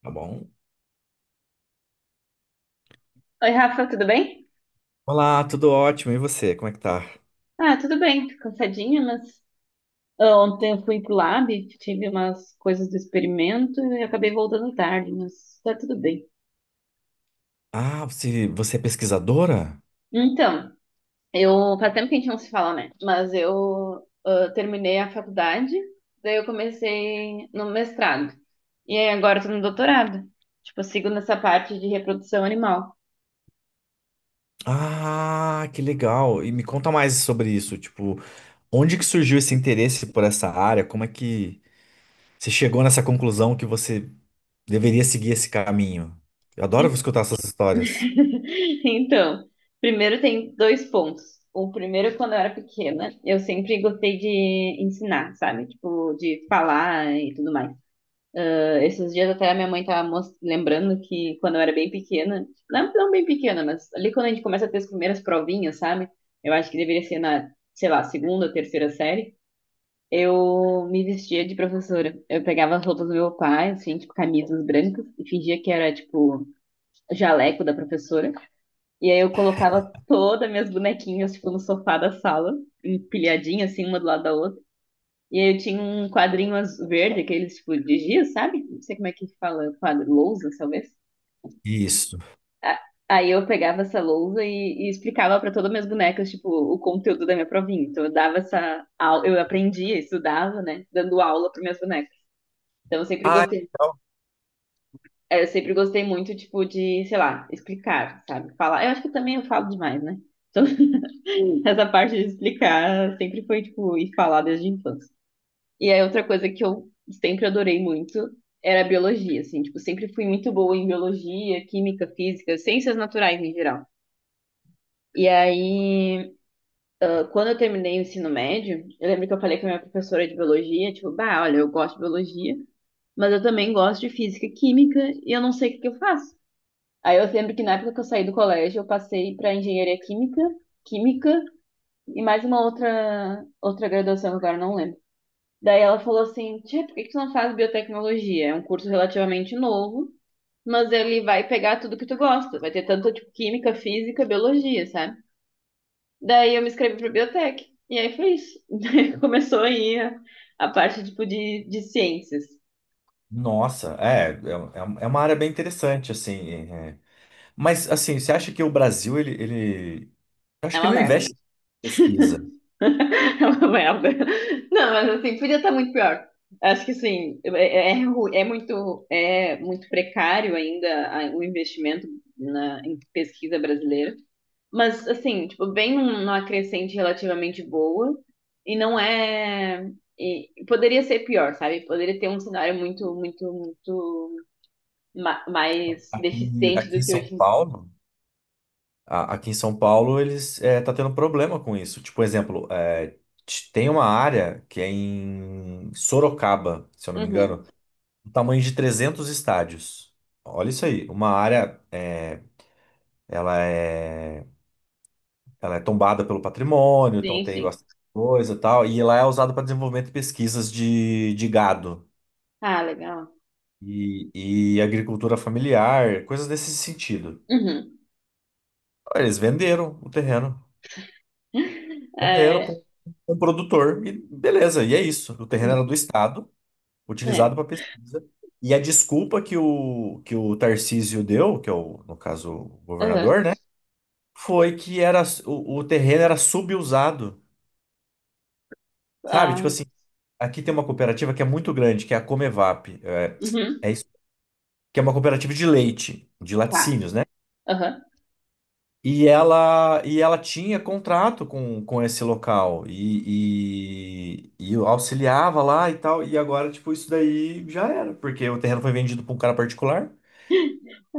Tá bom? Oi, Rafa, tudo bem? Olá, tudo ótimo. E você, como é que tá? Ah, tudo bem, tô cansadinha, mas ontem eu fui pro lab, tive umas coisas do experimento e acabei voltando tarde, mas tá tudo bem. Ah, você é pesquisadora? Então, eu faz tempo que a gente não se fala, né? Mas eu terminei a faculdade, daí eu comecei no mestrado. E aí agora eu tô no doutorado. Tipo, eu sigo nessa parte de reprodução animal. Ah, que legal. E me conta mais sobre isso. Tipo, onde que surgiu esse interesse por essa área? Como é que você chegou nessa conclusão que você deveria seguir esse caminho? Eu adoro escutar essas histórias. Então, primeiro tem dois pontos. O primeiro, quando eu era pequena, eu sempre gostei de ensinar, sabe? Tipo, de falar e tudo mais. Ah, esses dias até a minha mãe tava lembrando que quando eu era bem pequena, não, não bem pequena, mas ali quando a gente começa a ter as primeiras provinhas, sabe? Eu acho que deveria ser na, sei lá, segunda terceira série. Eu me vestia de professora. Eu pegava as roupas do meu pai, assim, tipo, camisas brancas, e fingia que era, tipo, jaleco da professora. E aí eu colocava todas minhas bonequinhas, tipo, no sofá da sala, empilhadinha, assim, uma do lado da outra. E aí eu tinha um quadrinho verde, aqueles, tipo, de giz, sabe? Não sei como é que fala, quadro, lousa, talvez. Isso. A- Aí eu pegava essa lousa e explicava para todas as minhas bonecas, tipo, o conteúdo da minha provinha. Então eu dava essa aula, eu aprendia, estudava, né, dando aula para minhas bonecas. Então eu sempre Ah, gostei, legal. é, eu sempre gostei muito, tipo, de, sei lá, explicar, sabe? Falar. Eu acho que também eu falo demais, né? Essa parte de explicar sempre foi, tipo, e falar desde a infância. E aí, outra coisa que eu sempre adorei muito era a biologia, assim, tipo, sempre fui muito boa em biologia, química, física, ciências naturais em geral. E aí, quando eu terminei o ensino médio, eu lembro que eu falei com a minha professora de biologia, tipo, bah, olha, eu gosto de biologia, mas eu também gosto de física e química e eu não sei o que que eu faço. Aí eu lembro que na época que eu saí do colégio, eu passei para engenharia química, química e mais uma outra, outra graduação que agora eu não lembro. Daí ela falou assim, tia, por que que tu não faz biotecnologia? É um curso relativamente novo, mas ele vai pegar tudo que tu gosta. Vai ter tanto, tipo, química, física, biologia, sabe? Daí eu me inscrevi para biotec. E aí foi isso. Daí começou aí a parte, tipo, de ciências. Nossa, uma área bem interessante, assim. É. Mas, assim, você acha que o Brasil, eu acho É que uma ele não merda. investe em pesquisa. É uma merda. Não, mas assim, podia estar muito pior. Acho que assim, é muito precário ainda o investimento na, em pesquisa brasileira. Mas assim, tipo, bem numa crescente relativamente boa e não é. E poderia ser pior, sabe? Poderia ter um cenário muito, muito, muito mais Aqui, deficiente aqui em do que São hoje em dia. Paulo, a- aqui em São Paulo eles tá tendo problema com isso. Tipo, exemplo, tem uma área que é em Sorocaba, se eu não me Uhum, engano, do tamanho de 300 estádios. Olha isso aí, uma área ela é ela é tombada pelo patrimônio, então sim, tem sim. bastante coisa e tal, e lá é usado para desenvolvimento de pesquisas de gado Ah, legal. e agricultura familiar, coisas desse sentido. Uhum. Eles venderam o terreno. Era para É, um produtor e beleza, e é isso. O terreno era do Estado, é. utilizado para pesquisa. E a desculpa que o Tarcísio deu, que é o, no caso, o Uhum. governador, né? Foi que o terreno era subusado, sabe? Tipo Ah, assim, aqui tem uma cooperativa que é muito grande, que é a Comevap. Uhum, É isso, que é uma cooperativa de leite, de tá. laticínios, né? Aham. E ela tinha contrato com esse local e eu auxiliava lá e tal. E agora, tipo, isso daí já era, porque o terreno foi vendido para um cara particular.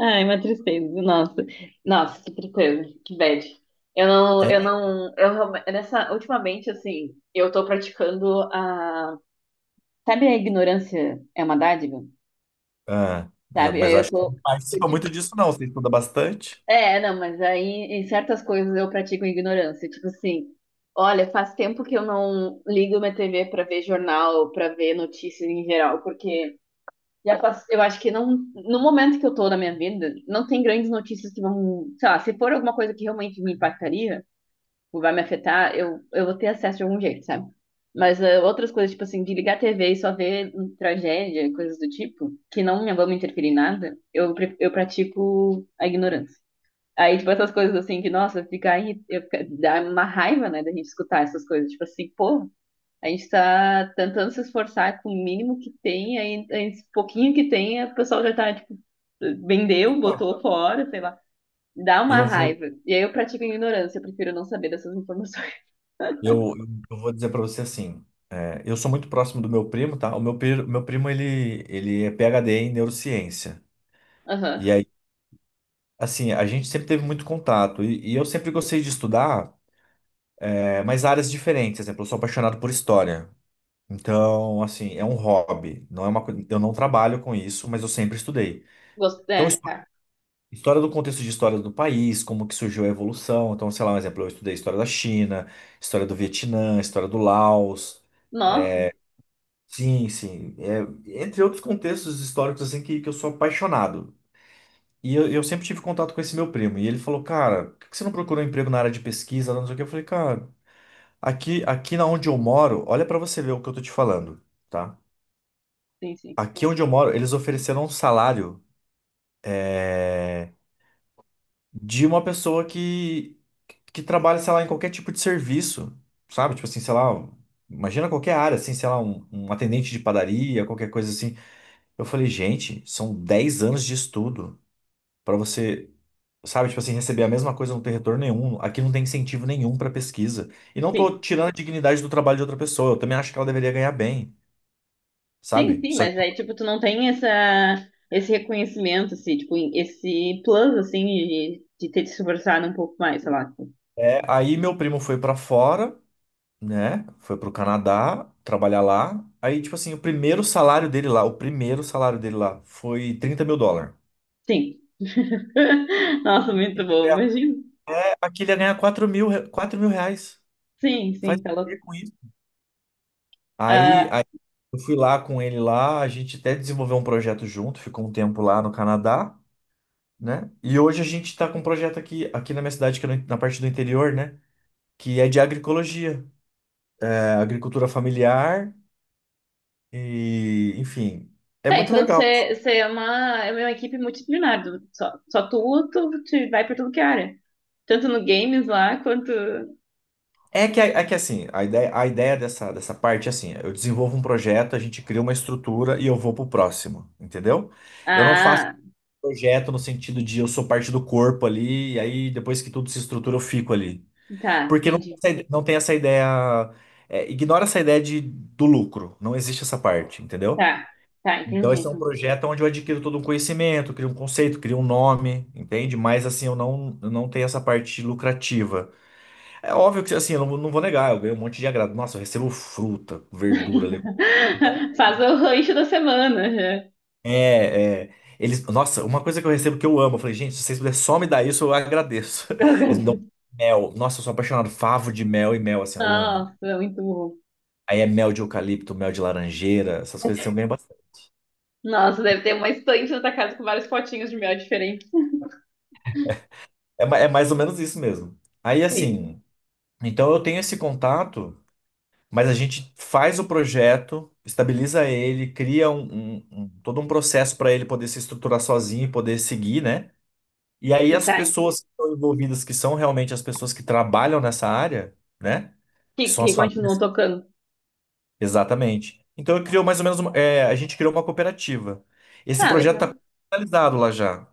Ai, uma tristeza, nossa. Nossa, que tristeza, que bad. Eu não, eu É. não, eu realme- Nessa, ultimamente, assim, eu tô praticando a, sabe a ignorância é uma dádiva? Ah, ah, Sabe? mas Aí eu eu acho que você tô, não eu, participa muito tipo, disso, não. Você estuda bastante. é, não, mas aí em certas coisas eu pratico ignorância, tipo assim, olha, faz tempo que eu não ligo minha TV pra ver jornal, pra ver notícias em geral, porque já pass... Eu acho que não, no momento que eu tô na minha vida, não tem grandes notícias que vão, sei lá, se for alguma coisa que realmente me impactaria, ou vai me afetar, eu vou ter acesso de algum jeito, sabe? Mas outras coisas, tipo assim, de ligar a TV e só ver tragédia, coisas do tipo, que não me vão me interferir em nada, eu pratico a ignorância. Aí, tipo, essas coisas assim, que, nossa, ficar aí, dá uma raiva, né, da gente escutar essas coisas, tipo assim, pô, a gente está tentando se esforçar com o mínimo que tem, aí esse pouquinho que tem, o pessoal já está, tipo, vendeu, Então, botou fora, sei lá. Dá uma eu vou, raiva. E aí eu pratico a ignorância, eu prefiro não saber dessas informações. eu, eu vou dizer para você assim: é, eu sou muito próximo do meu primo, tá? Meu primo, ele é PhD em neurociência. E Aham. aí, assim, a gente sempre teve muito contato. E eu sempre gostei de estudar. É, mas áreas diferentes, por exemplo, eu sou apaixonado por história. Então, assim, é um hobby, não é uma coisa, eu não trabalho com isso, mas eu sempre estudei. Gosto. Então, É, histó- tá. história do contexto de história do país, como que surgiu a evolução. Então, sei lá, um exemplo, eu estudei história da China, história do Vietnã, história do Laos. Nossa, Sim, sim, entre outros contextos históricos assim que eu sou apaixonado. E eu sempre tive contato com esse meu primo, e ele falou: "Cara, por que que você não procurou emprego na área de pesquisa?" Não sei o que. Eu falei: "Cara, aqui na onde eu moro, olha pra você ver o que eu tô te falando, tá? sim, sim. Aqui onde eu moro, eles ofereceram um salário é, de uma pessoa que trabalha, sei lá, em qualquer tipo de serviço, sabe? Tipo assim, sei lá, imagina qualquer área, assim, sei lá, um atendente de padaria, qualquer coisa assim. Eu falei, gente, são 10 anos de estudo pra você, sabe? Tipo assim, receber a mesma coisa, não ter retorno nenhum. Aqui não tem incentivo nenhum pra pesquisa. E não tô Sim. tirando a dignidade do trabalho de outra pessoa, eu também acho que ela deveria ganhar bem, Sim, sabe? sim, Só mas aí, tipo, tu não tem essa, esse reconhecimento, assim, tipo, esse plus, assim, de ter te esforçado um pouco mais, sei lá. É, aí meu primo foi pra fora, né? Foi pro Canadá trabalhar lá. Aí, tipo assim, o primeiro salário dele lá, o primeiro salário dele lá foi 30 mil dólares. Sim. Nossa, muito bom, imagina. Aqui ele ia ganhar 4 mil, 4 mil reais. Sim, Faz sim, o tá louco. quê com isso? Aí, Ah, aí eu fui lá com ele lá, a gente até desenvolveu um projeto junto, ficou um tempo lá no Canadá, né? E hoje a gente tá com um projeto aqui, na minha cidade, que é na parte do interior, né? Que é de agroecologia, é agricultura familiar. E, enfim, é tá, muito então legal. você, você é uma equipe multidisciplinar. Só tu, tu te vai pra tudo que é área. Tanto no games lá, quanto... é que assim, a ideia dessa parte é assim, eu desenvolvo um projeto, a gente cria uma estrutura e eu vou pro próximo, entendeu? Eu não faço Ah, projeto no sentido de eu sou parte do corpo ali, e aí depois que tudo se estrutura eu fico ali. tá, Porque não, entendi. Não tem essa ideia, ignora essa ideia de, do lucro, não existe essa parte, entendeu? Tá, tá, Então entendi. esse é um projeto onde eu adquiro todo um conhecimento, crio um conceito, crio um nome, entende? Mas assim, eu não tenho essa parte lucrativa. É óbvio que assim, eu não vou negar, eu ganho um monte de agrado. Nossa, eu recebo fruta, verdura, legume. Então, Faz o rancho da semana, já. Eles, nossa, uma coisa que eu recebo que eu amo, eu falei, gente, se vocês puderem só me dar isso, eu agradeço. Eles me dão mel. Nossa, eu sou apaixonado, favo de mel e mel, assim, ó, eu amo. Nossa, é muito bom. Aí é mel de eucalipto, mel de laranjeira, essas coisas assim, eu ganho bastante. Nossa, deve ter uma estante na tua casa com vários potinhos de mel diferentes. É mais ou menos isso mesmo. Aí Sim. assim, então eu tenho esse contato. Mas a gente faz o projeto, estabiliza ele, cria um todo um processo para ele poder se estruturar sozinho e poder seguir, né? E aí as Tá, pessoas que estão envolvidas, que são realmente as pessoas que trabalham nessa área, né? Que que, são que as continuam famílias. tocando. Exatamente. Então eu criou mais ou menos uma, a gente criou uma cooperativa. Esse Ah, projeto está legal. finalizado lá já.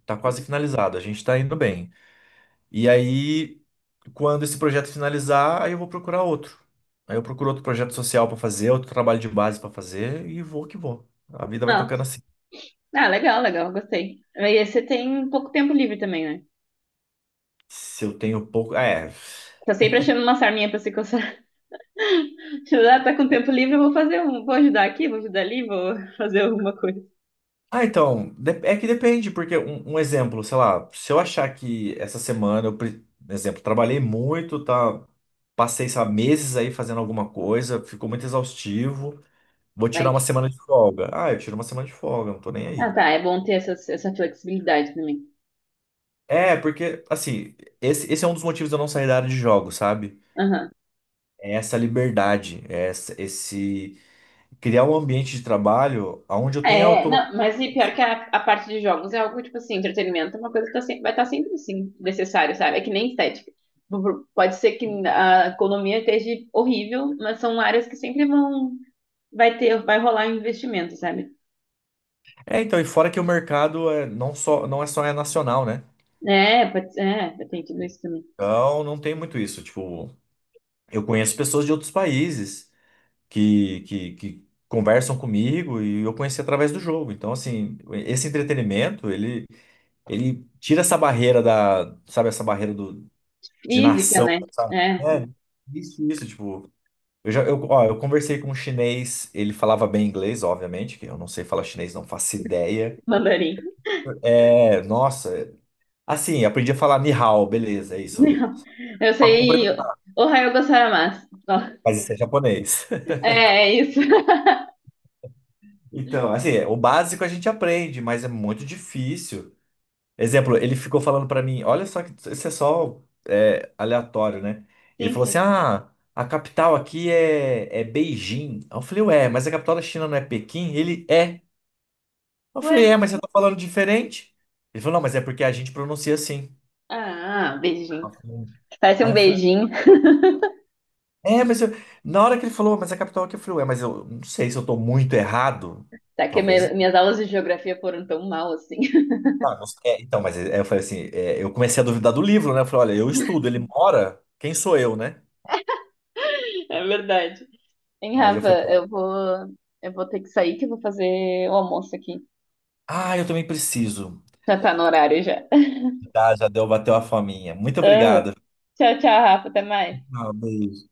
Está quase finalizado. A gente está indo bem. E aí, quando esse projeto finalizar, aí eu vou procurar outro. Aí eu procuro outro projeto social para fazer, outro trabalho de base para fazer e vou que vou. A vida vai tocando Nossa. assim. Ah, legal, legal, gostei. E aí você tem pouco tempo livre também, né? Se eu tenho pouco. É. Tá sempre achando uma sarminha pra se coçar. Ah, tá com tempo livre, eu vou fazer um. Vou ajudar aqui, vou ajudar ali, vou fazer alguma coisa. Ah, então. De- É que depende, porque um exemplo, sei lá, se eu achar que essa semana eu. Pre- Exemplo, trabalhei muito, tá? Passei, sabe, meses aí fazendo alguma coisa, ficou muito exaustivo. Vou tirar uma Like. semana de folga. Ah, eu tiro uma semana de folga, não tô nem Ah, aí. tá. É bom ter essa, essa flexibilidade também. É, porque, assim, esse é um dos motivos de eu não sair da área de jogos, sabe? Aham. É essa liberdade, é essa, esse criar um ambiente de trabalho onde eu tenha É, autonomia. não, mas e pior que a parte de jogos é algo, tipo assim, entretenimento é uma coisa que tá sempre, vai estar sempre, assim, necessário, sabe? É que nem estética. Pode ser que a economia esteja horrível, mas são áreas que sempre vão, vai ter, vai rolar um investimento, sabe? É, então, e fora que o mercado é não só, não é só é nacional, né? É, pode, é, tem tudo isso também. Então, não tem muito isso. Tipo, eu conheço pessoas de outros países que conversam comigo e eu conheci através do jogo. Então, assim, esse entretenimento, ele tira essa barreira da, sabe, essa barreira do, de Física, nação, né? sabe? É, É, isso, tipo, eu já, eu, ó, eu conversei com um chinês, ele falava bem inglês, obviamente, que eu não sei falar chinês, não faço ideia. mandarim. É, nossa, assim, aprendi a falar ni hao, beleza, é isso. Não, eu Pra sei cumprimentar, Ohayou gozaimasu. Ó, mas isso é japonês. é, é isso. Então, assim, é, o básico a gente aprende, mas é muito difícil. Exemplo, ele ficou falando pra mim, olha só que isso é só aleatório, né? Ele Sim, falou sim. assim: ah, a capital aqui é Beijing. Aí eu falei, ué, mas a capital da China não é Pequim? Ele é. Eu falei, Ué? é, mas você tá falando diferente? Ele falou, não, mas é porque a gente pronuncia assim. Ah, beijinho. Aí eu falei, Parece Aí um eu falei, beijinho. é, mas eu... na hora que ele falou, mas a capital aqui, eu falei, ué, mas eu não sei se eu tô muito errado. Tá que Talvez. Minhas aulas de geografia foram tão mal assim. Ah, não sei. É, então, mas é, eu falei assim, é, eu comecei a duvidar do livro, né? Eu falei, olha, eu estudo, ele mora, quem sou eu, né? É verdade. Hein, Aí eu Rafa, falei, eu vou ter que sair que eu vou fazer o almoço aqui. Ah, eu também preciso. Já tá no horário já. Tá, já deu, bateu a fominha. Muito Ah, obrigado. tchau, tchau, Rafa. Até mais. Ah, beijo.